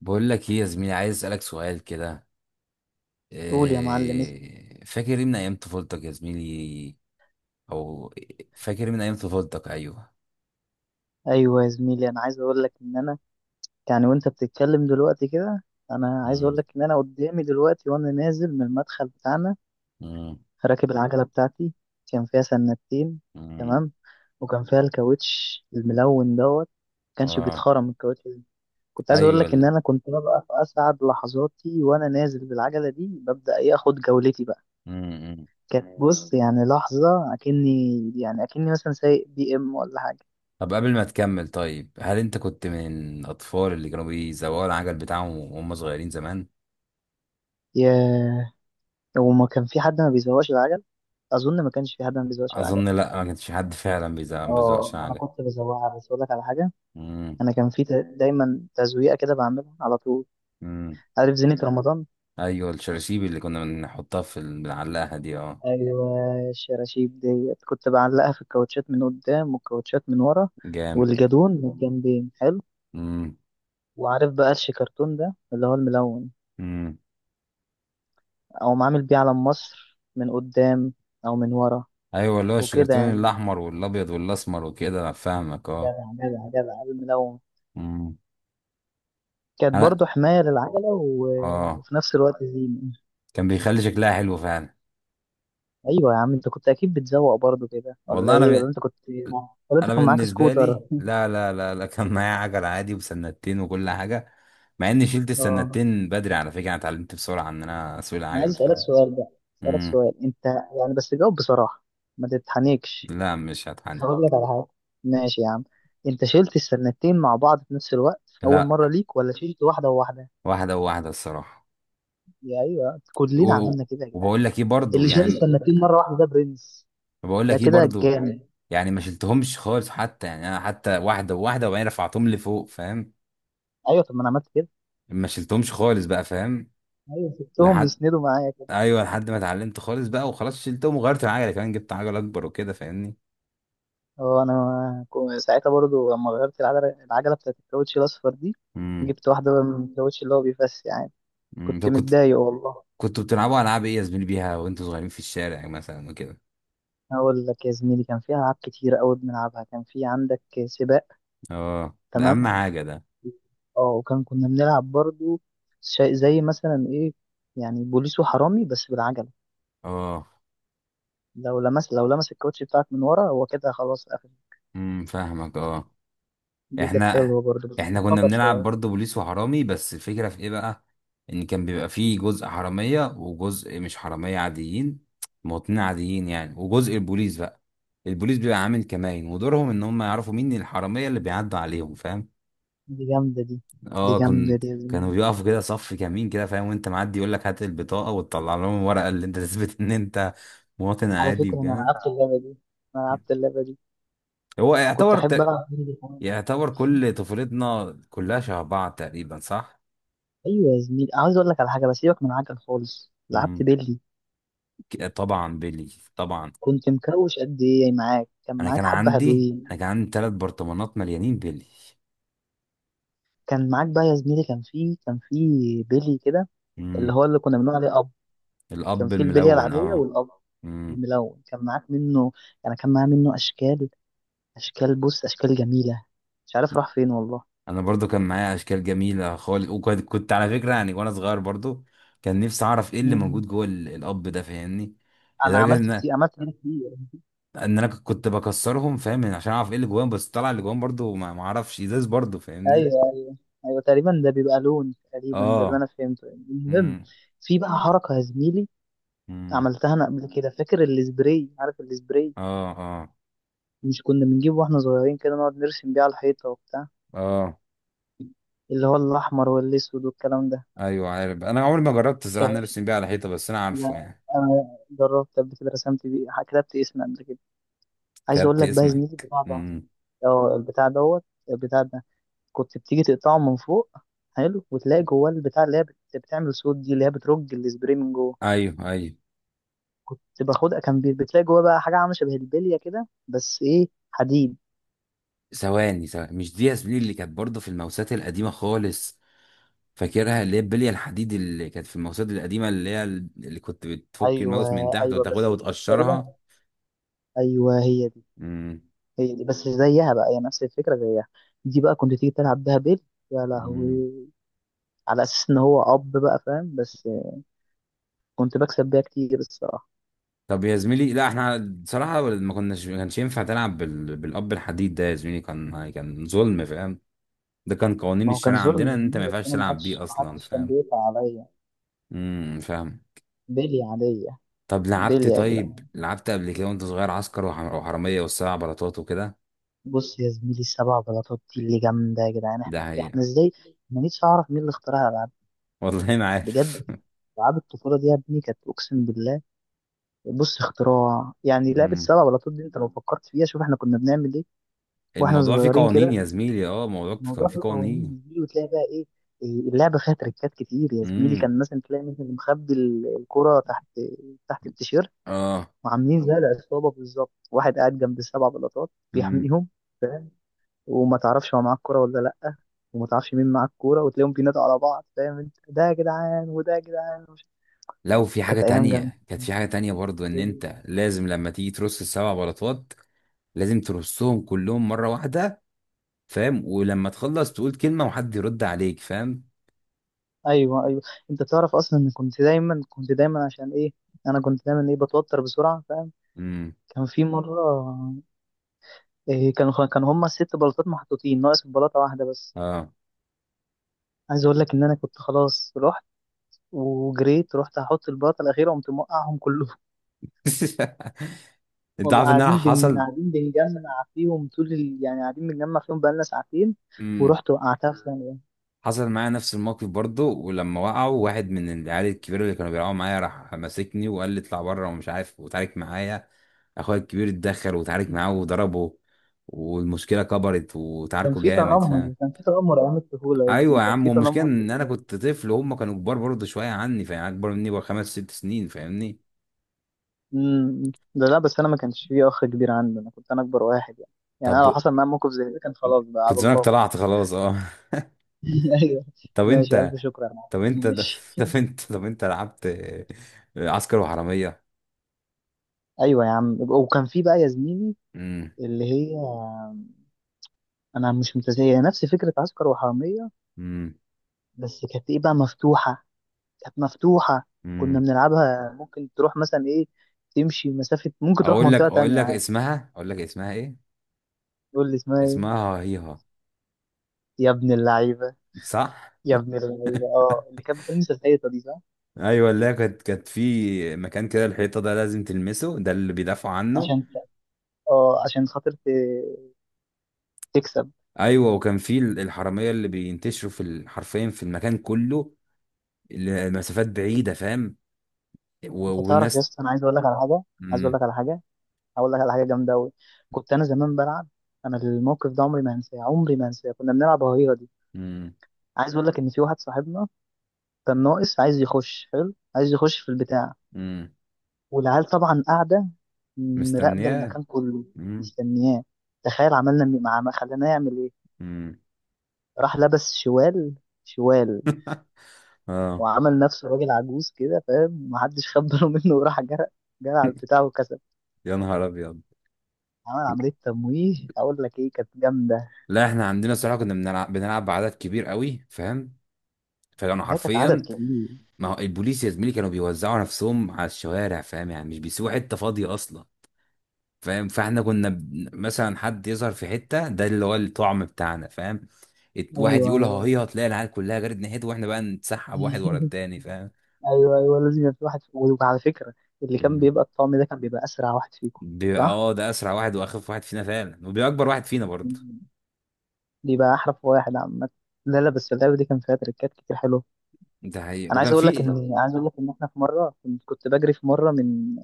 بقول لك ايه يا زميلي، عايز اسالك سؤال كده. قول يا معلم اسمي. إيه فاكر إيه من ايام طفولتك يا زميلي؟ او، فاكر إيه من ايام طفولتك؟ ايوه. ايوه يا زميلي، انا عايز اقول لك ان انا، يعني وانت بتتكلم دلوقتي كده، انا عايز اقول مم. لك ان انا قدامي دلوقتي وانا نازل من المدخل بتاعنا، مم. راكب العجله بتاعتي. كان فيها سنتين. مم. تمام. وكان فيها الكاوتش الملون دوت، ما كانش اه. بيتخرم الكاوتش ده. كنت عايز اقول ايوه لك ان انا كنت ببقى في اسعد لحظاتي وانا نازل بالعجله دي، ببدا ايه، اخد جولتي بقى. مم. مم. كانت بص، يعني لحظه اكني، يعني اكني مثلا سايق بي ام ولا حاجه. طب قبل ما تكمل، طيب هل انت كنت من الاطفال اللي كانوا بيزوقوا العجل بتاعهم وهم صغيرين زمان؟ ياه، هو ما كان في حد ما بيزوقش العجل. اظن ما كانش في حد ما بيزوقش العجل. اظن لا، ما كانش حد فعلا بيزوقش اه، انا العجل. كنت بزوقها بس اقول لك على حاجه. مم. انا كان في دايما تزويقه كده بعملها على طول. مم. عارف زينة رمضان؟ ايوه، الشراشيب اللي كنا بنحطها بنعلقها دي، اه. ايوه، الشراشيب ديت كنت بعلقها في الكاوتشات من قدام والكاوتشات من ورا، جامد. والجدون من الجنبين حلو. مم. وعارف بقى الشيكرتون ده اللي هو الملون؟ مم. او عامل بيه علم مصر من قدام، او من ورا، ايوه، اللي هو وكده الشجرتين يعني. الاحمر والابيض والاسمر وكده، انا فاهمك، اه. جدع جدع جدع الملون، امم. كانت انا، برضه حماية للعجلة اه، وفي نفس الوقت زينة. كان بيخلي شكلها حلو فعلا. أيوة يا عم، أنت كنت أكيد بتزوق برضه كده ولا والله انا إيه؟ ولا ب... أنت كنت ولا أنت انا كان معاك بالنسبه سكوتر؟ لي، لا لا لا لا، كان معايا عجل عادي وسنتين وكل حاجه. مع اني شلت أه. السنتين بدري على فكره، انا اتعلمت بسرعه ان انا اسوق أنا العجل عايز أسألك فعلا. سؤال بقى. أسألك امم. سؤال، أنت يعني بس جاوب بصراحة، ما تتحنكش. لا، مش هتحني. هقول لك على حاجة. ماشي يا عم، أنت شلت السنتين مع بعض في نفس الوقت في أول لا، مرة ليك ولا شلت واحدة وواحدة؟ واحده وواحده الصراحه. يا أيوة كلنا و... عملنا كده يا جدعان. وبقول لك ايه برضو اللي شال يعني السنتين مرة واحدة ده برنس. بقول ده لك ايه كده برضو، جامد. يعني ما شلتهمش خالص حتى، يعني انا حتى واحده وواحده وبعدين رفعتهم لفوق، فاهم. أيوة طب ما أنا عملت كده. ما شلتهمش خالص بقى، فاهم. أيوة، سبتهم لحد، يسندوا معايا. ايوه، لحد ما اتعلمت خالص بقى وخلاص شلتهم، وغيرت العجله كمان، جبت عجله اكبر وكده فاهمني. اه، انا ساعتها برضو لما غيرت العجله، العجله بتاعت الكاوتش الاصفر دي، امم. جبت واحده بقى من الكاوتش اللي هو بيفس يعني. أمم. كنت طب كنت متضايق والله. كنتوا بتلعبوا العاب ايه يا زميلي بيها وانتوا صغيرين في الشارع مثلا وكده؟ اقول لك يا زميلي، كان فيها العاب كتير قوي بنلعبها. كان في عندك سباق. اه، ده اهم تمام. حاجه ده. اه، وكان كنا بنلعب برضو شيء زي مثلا ايه، يعني بوليس وحرامي بس بالعجله. اه. لو لمس، لو لمس الكاوتش بتاعك من ورا، هو كده خلاص قفل. امم، فاهمك، اه. دي كانت احنا حلوه برضو بس احنا كانت كنا خطر بنلعب شويه. برضه بوليس وحرامي، بس الفكرة في ايه بقى؟ ان كان بيبقى فيه جزء حرامية وجزء مش حرامية عاديين، مواطنين عاديين يعني، وجزء البوليس بقى. البوليس بيبقى عامل كمائن، ودورهم ان هم يعرفوا مين الحرامية اللي بيعدوا عليهم، فاهم. دي جامده دي. دي اه، جامده دي يا كانوا زميلي. بيقفوا كده صف كمين كده، فاهم، وانت معدي يقول لك هات البطاقة، وتطلع لهم الورقة اللي انت تثبت ان انت مواطن على عادي فكرة أنا وكده. لعبت اللعبة دي. أنا لعبت اللعبة دي. هو كنت أحب يعتبر ألعب بيلي كمان. يعتبر كل طفولتنا كلها شبه بعض تقريبا، صح؟ أيوة يا زميلي، عاوز أقول لك على حاجة، بس سيبك من عجل خالص، لعبت بيلي. طبعا بيلي، طبعا. كنت مكوش قد إيه معاك؟ كان انا معاك كان حبة عندي انا حلوين. كان عندي ثلاث برطمانات مليانين بيلي. كان معاك بقى يا زميلي، كان في بيلي كده، اللي امم. هو اللي كنا بنقول عليه أب. كان الاب في البلية الملون، العادية اه. والأب امم. الملون. كان معاك منه، يعني كان معاه منه أشكال، أشكال، بص، أشكال جميلة. مش عارف راح فين والله. انا برضو كان معايا اشكال جميله خالص، وكنت على فكره يعني، وانا صغير برضو كان نفسي اعرف ايه اللي مم. موجود جوه الاب ده، فاهمني. أنا لدرجه عملت ان، كتير، عملت كتير. ان انا كنت بكسرهم، فاهم، يعني عشان اعرف ايه اللي جواهم، بس طلع اللي جواهم برضو ما اعرفش، ازاز برضو، فاهمني. ايوه، ايوه، ايوه، تقريبا ده بيبقى لون، تقريبا ده اللي اه. انا فهمته المهم. امم. في بقى حركه يا زميلي امم. عملتها انا قبل كده. فاكر السبراي؟ عارف السبراي؟ اه. اه. مش كنا بنجيبه واحنا صغيرين كده نقعد نرسم بيه على الحيطه وبتاع، اه. اللي هو الاحمر والاسود والكلام ده. ايوه عارف، انا عمري ما جربت الزراعه كان ان انا في- ارسم بيها على حيطه، بس انا عارفه لا، يعني. انا جربت قبل كده، رسمت بيه، كتبت اسمي قبل كده. عايز اقول كتبت لك بقى يا زميلي اسمك، البتاع ده، امم. اه، البتاع دوت، البتاع ده كنت بتيجي تقطعه من فوق، حلو، وتلاقي جواه البتاع اللي هي بتعمل صوت، دي اللي هي بترج السبراي من جوه. ايوه، ايوه. كنت باخدها، كان بتلاقي جواه بقى حاجه عامله شبه البليه كده بس ايه، حديد. ثواني مش دي ياسمين اللي كانت برضه في الموسات القديمه خالص؟ فاكرها اللي هي البليه الحديد اللي كانت في الموسات القديمه، اللي كنت بتفك ايوه، الماوس من تحت ايوه، وتاخدها بس تقريبا. وتقشرها. ايوه، هي دي، امم. هي دي. بس زيها بقى، هي نفس الفكره زيها. دي بقى كنت تيجي تلعب بيها بيل. يا امم. لهوي. على اساس ان هو اب بقى فاهم، بس كنت بكسب بيها كتير الصراحه. طب يا زميلي، لا احنا بصراحه ما كانش ينفع تلعب بالاب الحديد ده يا زميلي، كان ظلم، فاهم. ده كان قوانين ما هو كان الشارع ظلم عندنا ان انت مني، ما بس ينفعش انا ما تلعب بيه حدش ما اصلا، حدش كان فاهم. بيقطع عليا امم، فاهم. بيلي عاديه. طب لعبت بيلي يا طيب جدعان. لعبت قبل كده وانت صغير عسكر وحرامية والسبع بلاطات وكده؟ بص يا زميلي، السبع بلاطات دي اللي جامده يا جدعان. ده احنا هي. احنا ازاي ما نيتش اعرف مين اللي اخترعها. والله ما عارف. بجد. العاب الطفوله دي يا ابني كانت اقسم بالله. بص، اختراع يعني، لعبه مم. سبع بلاطات دي انت لو فكرت فيها، شوف احنا كنا بنعمل ايه واحنا الموضوع فيه صغيرين قوانين كده. يا زميلي، اه، الموضوع كان الموضوع فيه فيه قوانين قوانين. مش دي، وتلاقي بقى ايه. إيه، اللعبه فيها تريكات كتير يا زميلي. امم. كان مثلا تلاقي مثلا مخبي الكره تحت، تحت التيشيرت، اه. وعاملين زي العصابه بالظبط، واحد قاعد جنب السبع بلاطات امم. بيحميهم، وما تعرفش هو معاه الكوره ولا لا، وما تعرفش مين معاه الكوره، وتلاقيهم بينادوا على بعض فاهم انت، ده يا جدعان وده يا جدعان لو في حاجة كانت ايام جامده. تانية كانت في حاجة تانية برضو، ان انت لازم لما تيجي ترص السبع بلاطات لازم ترصهم كلهم مرة واحدة، فاهم، ولما تخلص تقول كلمة وحد يرد عليك، فاهم. ايوه، ايوه، انت تعرف اصلا ان كنت دايما عشان ايه؟ انا كنت دايما ايه، بتوتر بسرعه فاهم. امم. كان في مره، إيه، كان هما ست بلاطات محطوطين، ناقص بلاطه واحده بس. اه. عايز اقول لك ان انا كنت خلاص، رحت وجريت، رحت احط البلاطه الاخيره، قمت موقعهم كلهم. انت والله عارف ان انا قاعدين حصل قاعدين بنجمع فيهم طول يعني قاعدين بنجمع فيهم بقالنا ساعتين، ورحت وقعتها في ثانيه. حصل معايا نفس الموقف برضه، ولما وقعوا واحد من العيال الكبيرة اللي كانوا بيلعبوا معايا راح ماسكني وقال لي اطلع بره ومش عارف، وتعارك معايا. اخويا الكبير اتدخل وتعارك معاه وضربه، والمشكلة كبرت كان وتعاركوا في جامد، فاهم. تنمر، كان في تنمر ايام الطفوله، ايوه يعني يا كان عم، في والمشكلة تنمر كتير. ان انا كنت طفل وهم كانوا كبار برضه شوية عني، فاهم، يعني اكبر مني بخمس ست سنين، فاهمني. امم، ده لا، بس انا ما كانش فيه اخ كبير عندي، انا كنت انا اكبر واحد يعني. يعني طب انا لو حصل معايا موقف زي ده، كان خلاص بقى كنت على زمانك الله بقى. طلعت خلاص، اه. ايوه. طب ماشي، انت الف شكر يا معلم، طب أنا انت ماشي. طب انت لعبت عسكر وحرامية. ايوه يا عم، وكان في بقى يا زميلي امم. اللي هي، انا مش متزايه نفس فكره عسكر وحراميه، بس كانت ايه بقى، مفتوحه، كانت مفتوحه. كنا امم. بنلعبها ممكن تروح مثلا ايه، تمشي مسافه، ممكن تروح اقول لك منطقه اقول تانية لك يعني. اسمها اقول لك اسمها ايه؟ تقول لي اسمها ايه؟ اسمها هيها. يا ابن اللعيبه. صح. يا ابن اللعيبه، اه، اللي كانت بتلمس الحيطه دي، صح؟ ايوه، اللي هي كانت في مكان كده، الحيطه ده لازم تلمسه، ده اللي بيدافعوا عنه. عشان، اه، عشان خاطر تكسب. ايوه، وكان في الحراميه اللي بينتشروا حرفيا في المكان كله، المسافات بعيده فاهم، انت تعرف يا والناس. اسطى، انا عايز اقول لك على حاجه، عايز اقول امم. لك على حاجه. هقول لك على حاجه جامده قوي. كنت انا زمان بلعب، انا الموقف ده عمري ما هنساه، عمري ما هنساه. كنا بنلعب هريره دي. امم. عايز اقول لك ان في واحد صاحبنا كان ناقص، عايز يخش حلو، عايز يخش في البتاع. امم. والعيال طبعا قاعده مراقبه مستنياه. المكان كله، امم. مستنياه. تخيل عملنا مع، خلينا يعمل ايه. امم. راح لبس شوال، شوال، اه. وعمل نفسه راجل عجوز كده فاهم، محدش خد باله منه، وراح جرى. جرى على البتاع وكسب. يا نهار ابيض. عمل عملية تمويه، أقول لك إيه كانت جامدة. لا احنا عندنا الصراحه كنا بنلعب بعدد كبير قوي، فاهم، فكانوا هي كانت عدد حرفيا. كبير. ما هو البوليس يا زميلي كانوا بيوزعوا نفسهم على الشوارع، فاهم، يعني مش بيسيبوا حته فاضيه اصلا، فاهم. فاحنا كنا مثلا حد يظهر في حته، ده اللي هو الطعم بتاعنا، فاهم، واحد أيوه، يقول ها، أيوه. هي هتلاقي العيال كلها جرت ناحيته واحنا بقى نتسحب واحد ورا التاني، فاهم. أيوه، أيوه، لازم يبقى في واحد. وعلى فكرة، اللي كان مم. بيبقى الطعم ده كان بيبقى أسرع واحد فيكم، بيبقى صح؟ اه، ده اسرع واحد واخف واحد فينا فعلا، وبيبقى اكبر واحد فينا برضه. مم. بيبقى أحرف واحد عامة. لا، لا، بس اللعبة دي كان فيها تريكات كتير حلوة. ده حقيقة، أنا عايز وكان أقول لك في. إن، عايز أقول لك إن إحنا في مرة، كنت بجري في مرة من،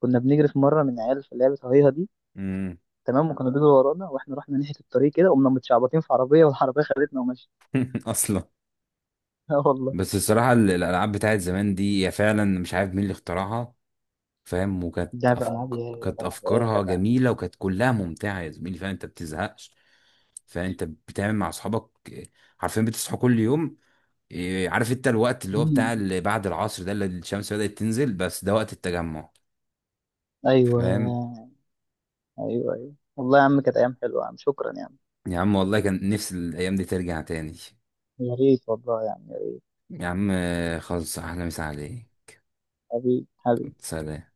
كنا بنجري في مرة من عيال في لعبة هيها دي. مم. تمام. وكانوا بيجروا ورانا، وإحنا رحنا ناحية الطريق كده، قمنا متشعبطين في عربية والعربية خدتنا ومشيت. اصلا. آه والله. بس الصراحه الالعاب بتاعت زمان دي هي فعلا مش عارف مين اللي اخترعها، فاهم، لعبة ألعاب يا كانت جدع إيه يا افكارها جدع. جميله وكانت كلها ممتعه يا زميلي، فاهم، انت بتزهقش. فانت بتعمل مع اصحابك إيه، عارفين بتصحوا كل يوم إيه، عارف انت الوقت اللي هو بتاع مم. اللي بعد العصر ده اللي الشمس بدأت تنزل، بس ده وقت التجمع، ايوه، فاهم. ايوه، ايوه والله يا عم، كانت ايام حلوه يا عم، شكرا يا عم. يا عم والله كان نفسي الايام دي ترجع تاني يا ريت والله يا عم، يا ريت. يا عم، آه، خلص احلى مسا عليك. حبيبي، حبيبي. سلام.